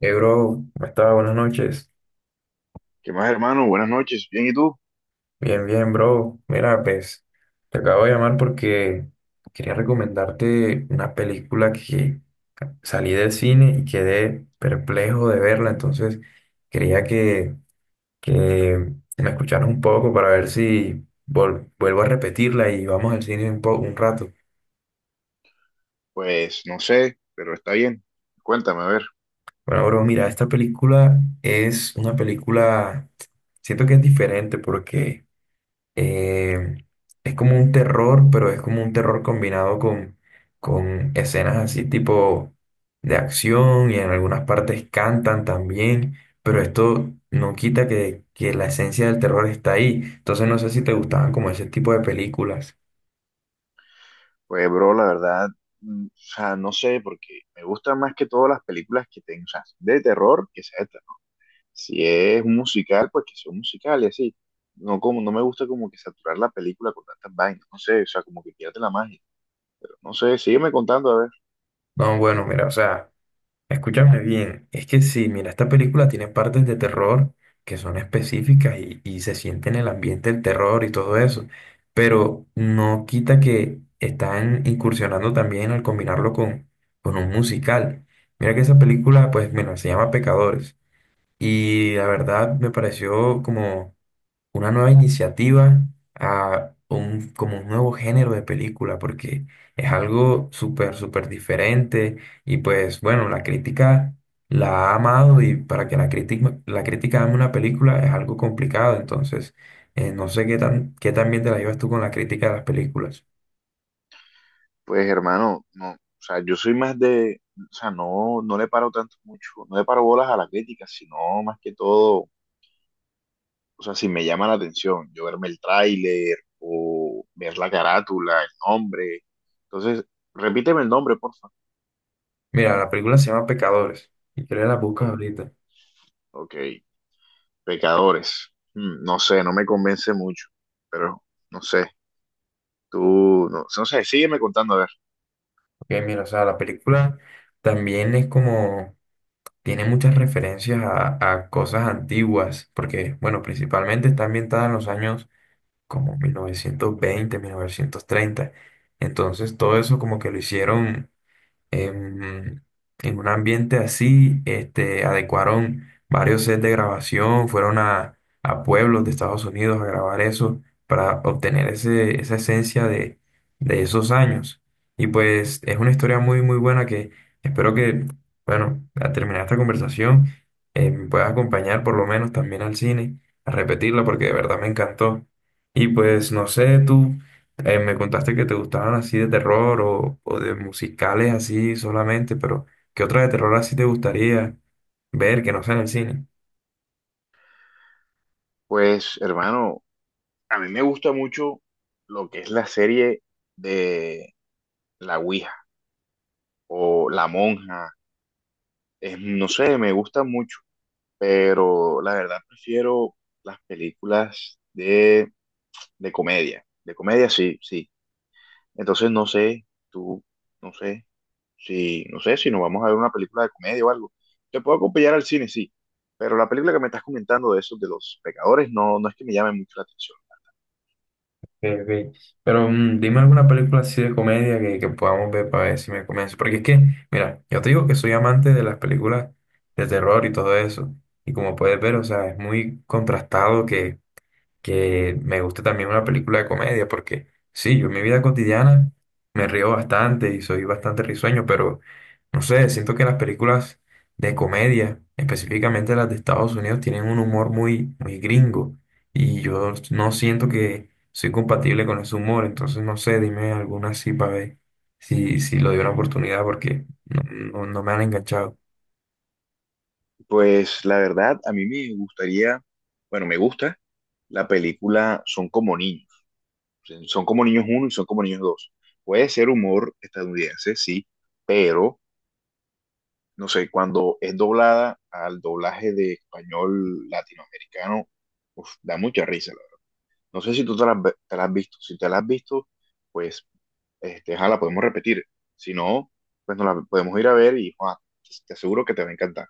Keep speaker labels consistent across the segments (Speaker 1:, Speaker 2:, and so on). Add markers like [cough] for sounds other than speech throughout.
Speaker 1: Hey, bro, ¿cómo estás? Buenas noches.
Speaker 2: ¿Qué más, hermano? Buenas noches. ¿Bien y tú?
Speaker 1: Bien, bien, bro. Mira, pues te acabo de llamar porque quería recomendarte una película que salí del cine y quedé perplejo de verla. Entonces quería que me escucharas un poco para ver si vuelvo a repetirla y vamos al cine un rato.
Speaker 2: Pues no sé, pero está bien. Cuéntame, a ver.
Speaker 1: Bueno, bro, mira, esta película es una película, siento que es diferente porque... eh, es como un terror, pero es como un terror combinado con escenas así tipo de acción y en algunas partes cantan también, pero esto no quita que la esencia del terror está ahí. Entonces no sé si te gustaban como ese tipo de películas.
Speaker 2: Pues, bro, la verdad, o sea, no sé, porque me gustan más que todas las películas que tengo, o sea, de terror, que sea de terror. Si es un musical, pues que sea un musical y así. No, como, no me gusta como que saturar la película con tantas vainas, no sé, o sea, como que pierde la magia. Pero no sé, sígueme contando, a ver.
Speaker 1: No, bueno, mira, o sea. Escúchame bien, es que sí, mira, esta película tiene partes de terror que son específicas y se siente en el ambiente el terror y todo eso, pero no quita que están incursionando también al combinarlo con un musical. Mira que esa película, pues, mira, se llama Pecadores y la verdad me pareció como una nueva iniciativa a un, como un nuevo género de película, porque es algo súper, súper diferente y pues bueno, la crítica la ha amado y para que la crítica ame una película es algo complicado, entonces no sé qué tan bien te la llevas tú con la crítica de las películas.
Speaker 2: Pues, hermano, no, o sea, yo soy más de, o sea, no, no le paro tanto mucho, no le paro bolas a la crítica, sino más que todo o sea, si me llama la atención, yo verme el tráiler o ver la carátula, el nombre. Entonces, repíteme el nombre, por favor.
Speaker 1: Mira, la película se llama Pecadores y creo que la buscas ahorita.
Speaker 2: Ok, Pecadores. Mm, no sé, no me convence mucho, pero no sé, tú, no, no sé, sígueme contando, a ver.
Speaker 1: Ok, mira, o sea, la película también es como tiene muchas referencias a cosas antiguas, porque, bueno, principalmente está ambientada en los años como 1920, 1930. Entonces, todo eso como que lo hicieron, em, en un ambiente así, este, adecuaron varios sets de grabación, fueron a pueblos de Estados Unidos a grabar eso para obtener esa esencia de esos años. Y pues es una historia muy, muy buena que espero que, bueno, al terminar esta conversación, me puedas acompañar por lo menos también al cine, a repetirla porque de verdad me encantó. Y pues no sé, tú. Me contaste que te gustaban así de terror o de musicales así solamente, pero ¿qué otra de terror así te gustaría ver que no sea en el cine?
Speaker 2: Pues, hermano, a mí me gusta mucho lo que es la serie de La Ouija o La Monja. No sé, me gusta mucho, pero la verdad prefiero las películas de comedia. De comedia, sí, sí. Entonces no sé, tú, no sé, si, no sé, si nos vamos a ver una película de comedia o algo. Te puedo acompañar al cine, sí. Pero la película que me estás comentando de esos de los pecadores no, no es que me llame mucho la atención.
Speaker 1: Ok, ok. Pero dime alguna película así de comedia que podamos ver para ver si me convence. Porque es que, mira, yo te digo que soy amante de las películas de terror y todo eso. Y como puedes ver, o sea, es muy contrastado que me guste también una película de comedia, porque sí, yo en mi vida cotidiana me río bastante y soy bastante risueño, pero no sé, siento que las películas de comedia, específicamente las de Estados Unidos, tienen un humor muy, muy gringo y yo no siento que soy compatible con ese humor, entonces no sé, dime alguna así para ver si lo doy una oportunidad porque no, no, no me han enganchado.
Speaker 2: Pues la verdad, a mí me gustaría, bueno, me gusta la película Son como niños. Son como niños uno y son como niños dos. Puede ser humor estadounidense, sí, pero no sé, cuando es doblada al doblaje de español latinoamericano, uf, da mucha risa, la verdad. No sé si tú te la, te la has visto. Si te la has visto, pues, este, ja, la podemos repetir. Si no, pues nos la podemos ir a ver y ja, te aseguro que te va a encantar.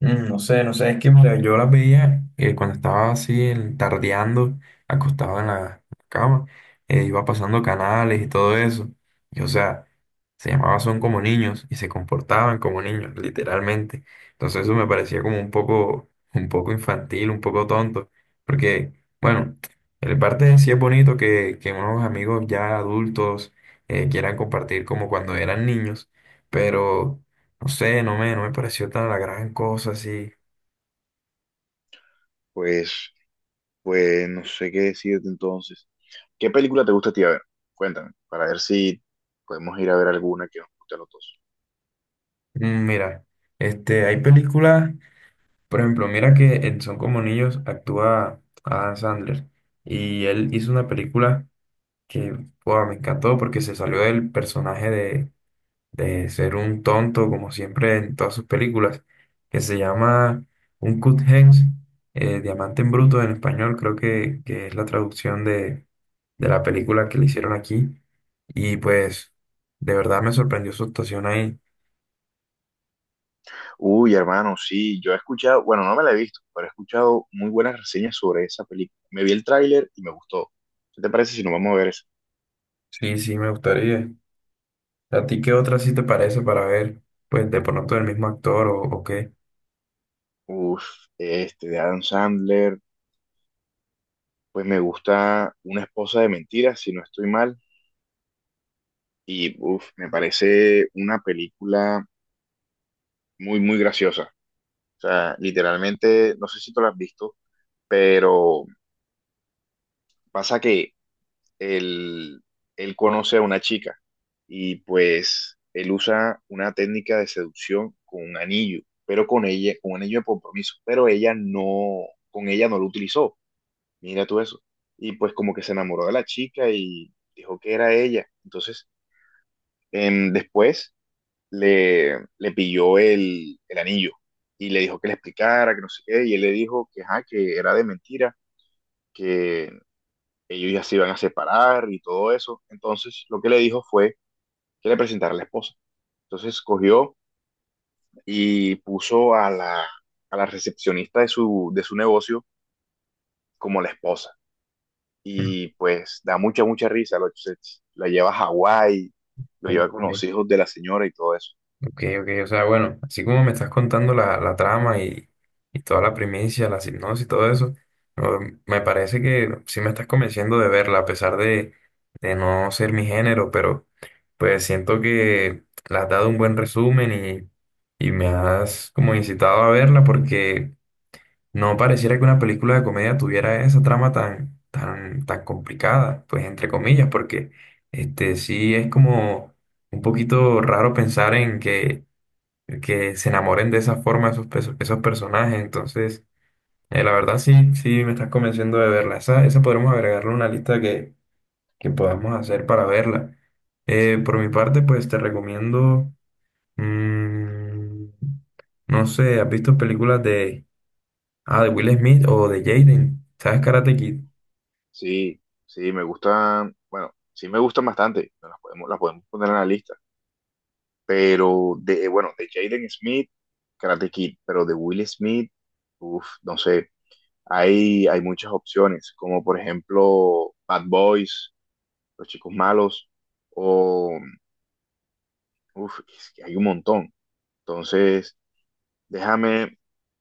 Speaker 1: No sé, es que mira, yo las veía cuando estaba así tardeando, acostado en la cama, iba pasando canales y todo eso. Y o sea, se llamaban Son como niños y se comportaban como niños, literalmente. Entonces eso me parecía como un poco infantil, un poco tonto. Porque, bueno, en parte sí es bonito que unos amigos ya adultos quieran compartir como cuando eran niños, pero no sé, no me pareció tan la gran cosa así.
Speaker 2: Pues, pues no sé qué decirte entonces. ¿Qué película te gusta a ti, a ver? Cuéntame, para ver si podemos ir a ver alguna que nos guste a los dos.
Speaker 1: Mira, hay películas, por ejemplo, mira que en Son como niños actúa Adam Sandler y él hizo una película que, wow, me encantó porque se salió del personaje de ser un tonto, como siempre en todas sus películas, que se llama Un cut hens, Diamante en Bruto en español, creo que es la traducción de la película que le hicieron aquí. Y pues, de verdad me sorprendió su actuación ahí.
Speaker 2: Uy, hermano, sí, yo he escuchado, bueno, no me la he visto, pero he escuchado muy buenas reseñas sobre esa película. Me vi el tráiler y me gustó. ¿Qué te parece si nos vamos a ver eso?
Speaker 1: Sí, sí, me gustaría. ¿A ti qué otra sí te parece para ver, pues, de pronto el mismo actor o qué?
Speaker 2: Uf, este, de Adam Sandler, pues me gusta Una esposa de mentiras, si no estoy mal, y uf, me parece una película muy, muy graciosa. O sea, literalmente, no sé si tú la has visto, pero pasa que él, él conoce a una chica y pues él usa una técnica de seducción con un anillo, pero con ella, con un anillo de compromiso, pero ella no, con ella no lo utilizó. Mira tú eso. Y pues como que se enamoró de la chica y dijo que era ella. Entonces, después le pilló el anillo y le dijo que le explicara, que no sé qué, y él le dijo que, ajá, que era de mentira, que ellos ya se iban a separar y todo eso. Entonces, lo que le dijo fue que le presentara a la esposa. Entonces, cogió y puso a la recepcionista de su negocio como la esposa.
Speaker 1: Mm,
Speaker 2: Y pues da mucha, mucha risa. La lleva a Hawái, lo
Speaker 1: Ok,
Speaker 2: lleva con los
Speaker 1: ok.
Speaker 2: hijos de la señora y todo eso.
Speaker 1: Ok, ok, o sea, bueno, así como me estás contando la trama y toda la primicia, la sinopsis y todo eso, no, me parece que sí me estás convenciendo de verla, a pesar de no ser mi género, pero pues siento que la has dado un buen resumen y me has como incitado a verla porque no pareciera que una película de comedia tuviera esa trama tan, tan, tan complicada, pues entre comillas, porque este sí es como un poquito raro pensar en que se enamoren de esa forma esos personajes. Entonces, la verdad sí, sí me estás convenciendo de verla. Esa podremos agregarle una lista que podamos hacer para verla. Por mi parte, pues te recomiendo, mm, no sé, ¿has visto películas de Will Smith o de Jaden? ¿Sabes Karate Kid?
Speaker 2: Sí, sí, me gustan, bueno, sí me gustan bastante. Las podemos poner en la lista. Pero de, bueno, de Jaden Smith, Karate Kid, pero de Will Smith, uff, no sé. Hay muchas opciones, como por ejemplo Bad Boys, Los Chicos Malos, o uf, es que hay un montón. Entonces, déjame,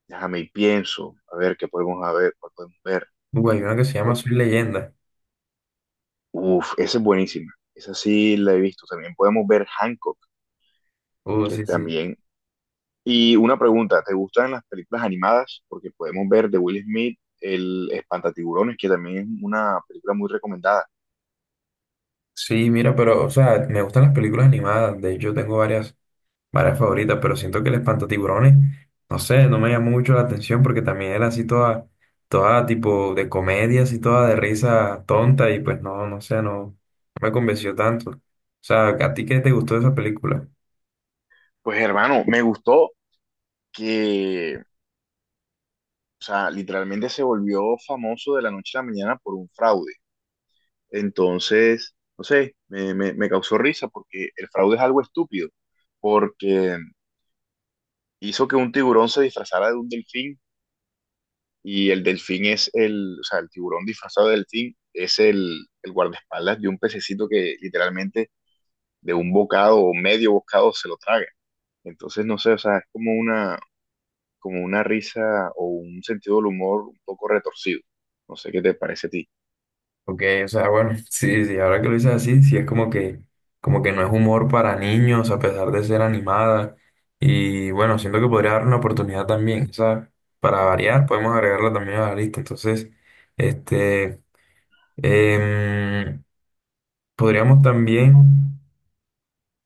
Speaker 2: déjame y pienso, a ver qué podemos a ver, cuál podemos ver.
Speaker 1: Uy, hay una que se llama Soy Leyenda.
Speaker 2: Uf, esa es buenísima. Esa sí la he visto. También podemos ver Hancock,
Speaker 1: Uh,
Speaker 2: que
Speaker 1: sí, sí.
Speaker 2: también. Y una pregunta, ¿te gustan las películas animadas? Porque podemos ver de Will Smith, El Espantatiburones, que también es una película muy recomendada.
Speaker 1: Sí, mira, pero, o sea, me gustan las películas animadas. De hecho, tengo varias favoritas, pero siento que el espantatiburones, no sé, no me llama mucho la atención porque también era así toda tipo de comedia, así toda de risa tonta y pues no, no sé, no me convenció tanto. O sea, ¿a ti qué te gustó de esa película?
Speaker 2: Pues hermano, me gustó que o sea, literalmente se volvió famoso de la noche a la mañana por un fraude. Entonces, no sé, me causó risa porque el fraude es algo estúpido, porque hizo que un tiburón se disfrazara de un delfín y el delfín es el, o sea, el tiburón disfrazado de delfín es el guardaespaldas de un pececito que literalmente de un bocado o medio bocado se lo traga. Entonces, no sé, o sea, es como una risa o un sentido del humor un poco retorcido. No sé qué te parece a ti.
Speaker 1: Ok, o sea, bueno, [laughs] sí, sí, ahora que lo dices así, sí es como que no es humor para niños a pesar de ser animada y bueno, siento que podría dar una oportunidad también, o sea, para variar podemos agregarla también a la lista, entonces, este... Em, podríamos también,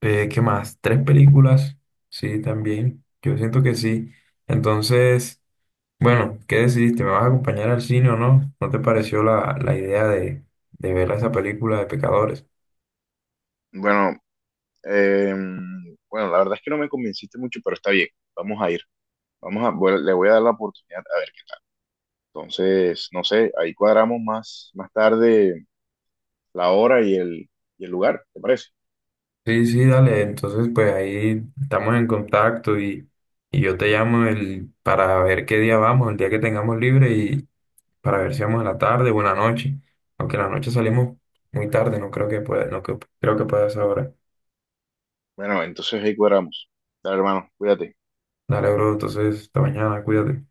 Speaker 1: ¿qué más? ¿Tres películas? Sí, también. Yo siento que sí. Entonces, bueno, ¿qué decidiste? ¿Me vas a acompañar al cine o no? ¿No te pareció la idea de ver esa película de Pecadores?
Speaker 2: Bueno, em, bueno, la verdad es que no me convenciste mucho, pero está bien. Vamos a ir. Vamos a, bueno, le voy a dar la oportunidad a ver qué tal. Entonces, no sé, ahí cuadramos más, más tarde la hora y y el lugar, ¿te parece?
Speaker 1: Sí, sí, dale. Entonces, pues ahí estamos en contacto y yo te llamo para ver qué día vamos, el día que tengamos libre y para ver si vamos en la tarde o en la noche. Aunque en la noche salimos muy tarde, no creo que pueda, no que- creo que pueda ser ahora.
Speaker 2: Bueno, entonces ahí cuadramos. Dale, hermano, cuídate.
Speaker 1: Dale, bro, entonces, hasta mañana, cuídate.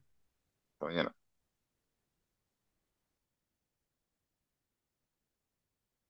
Speaker 2: Hasta mañana.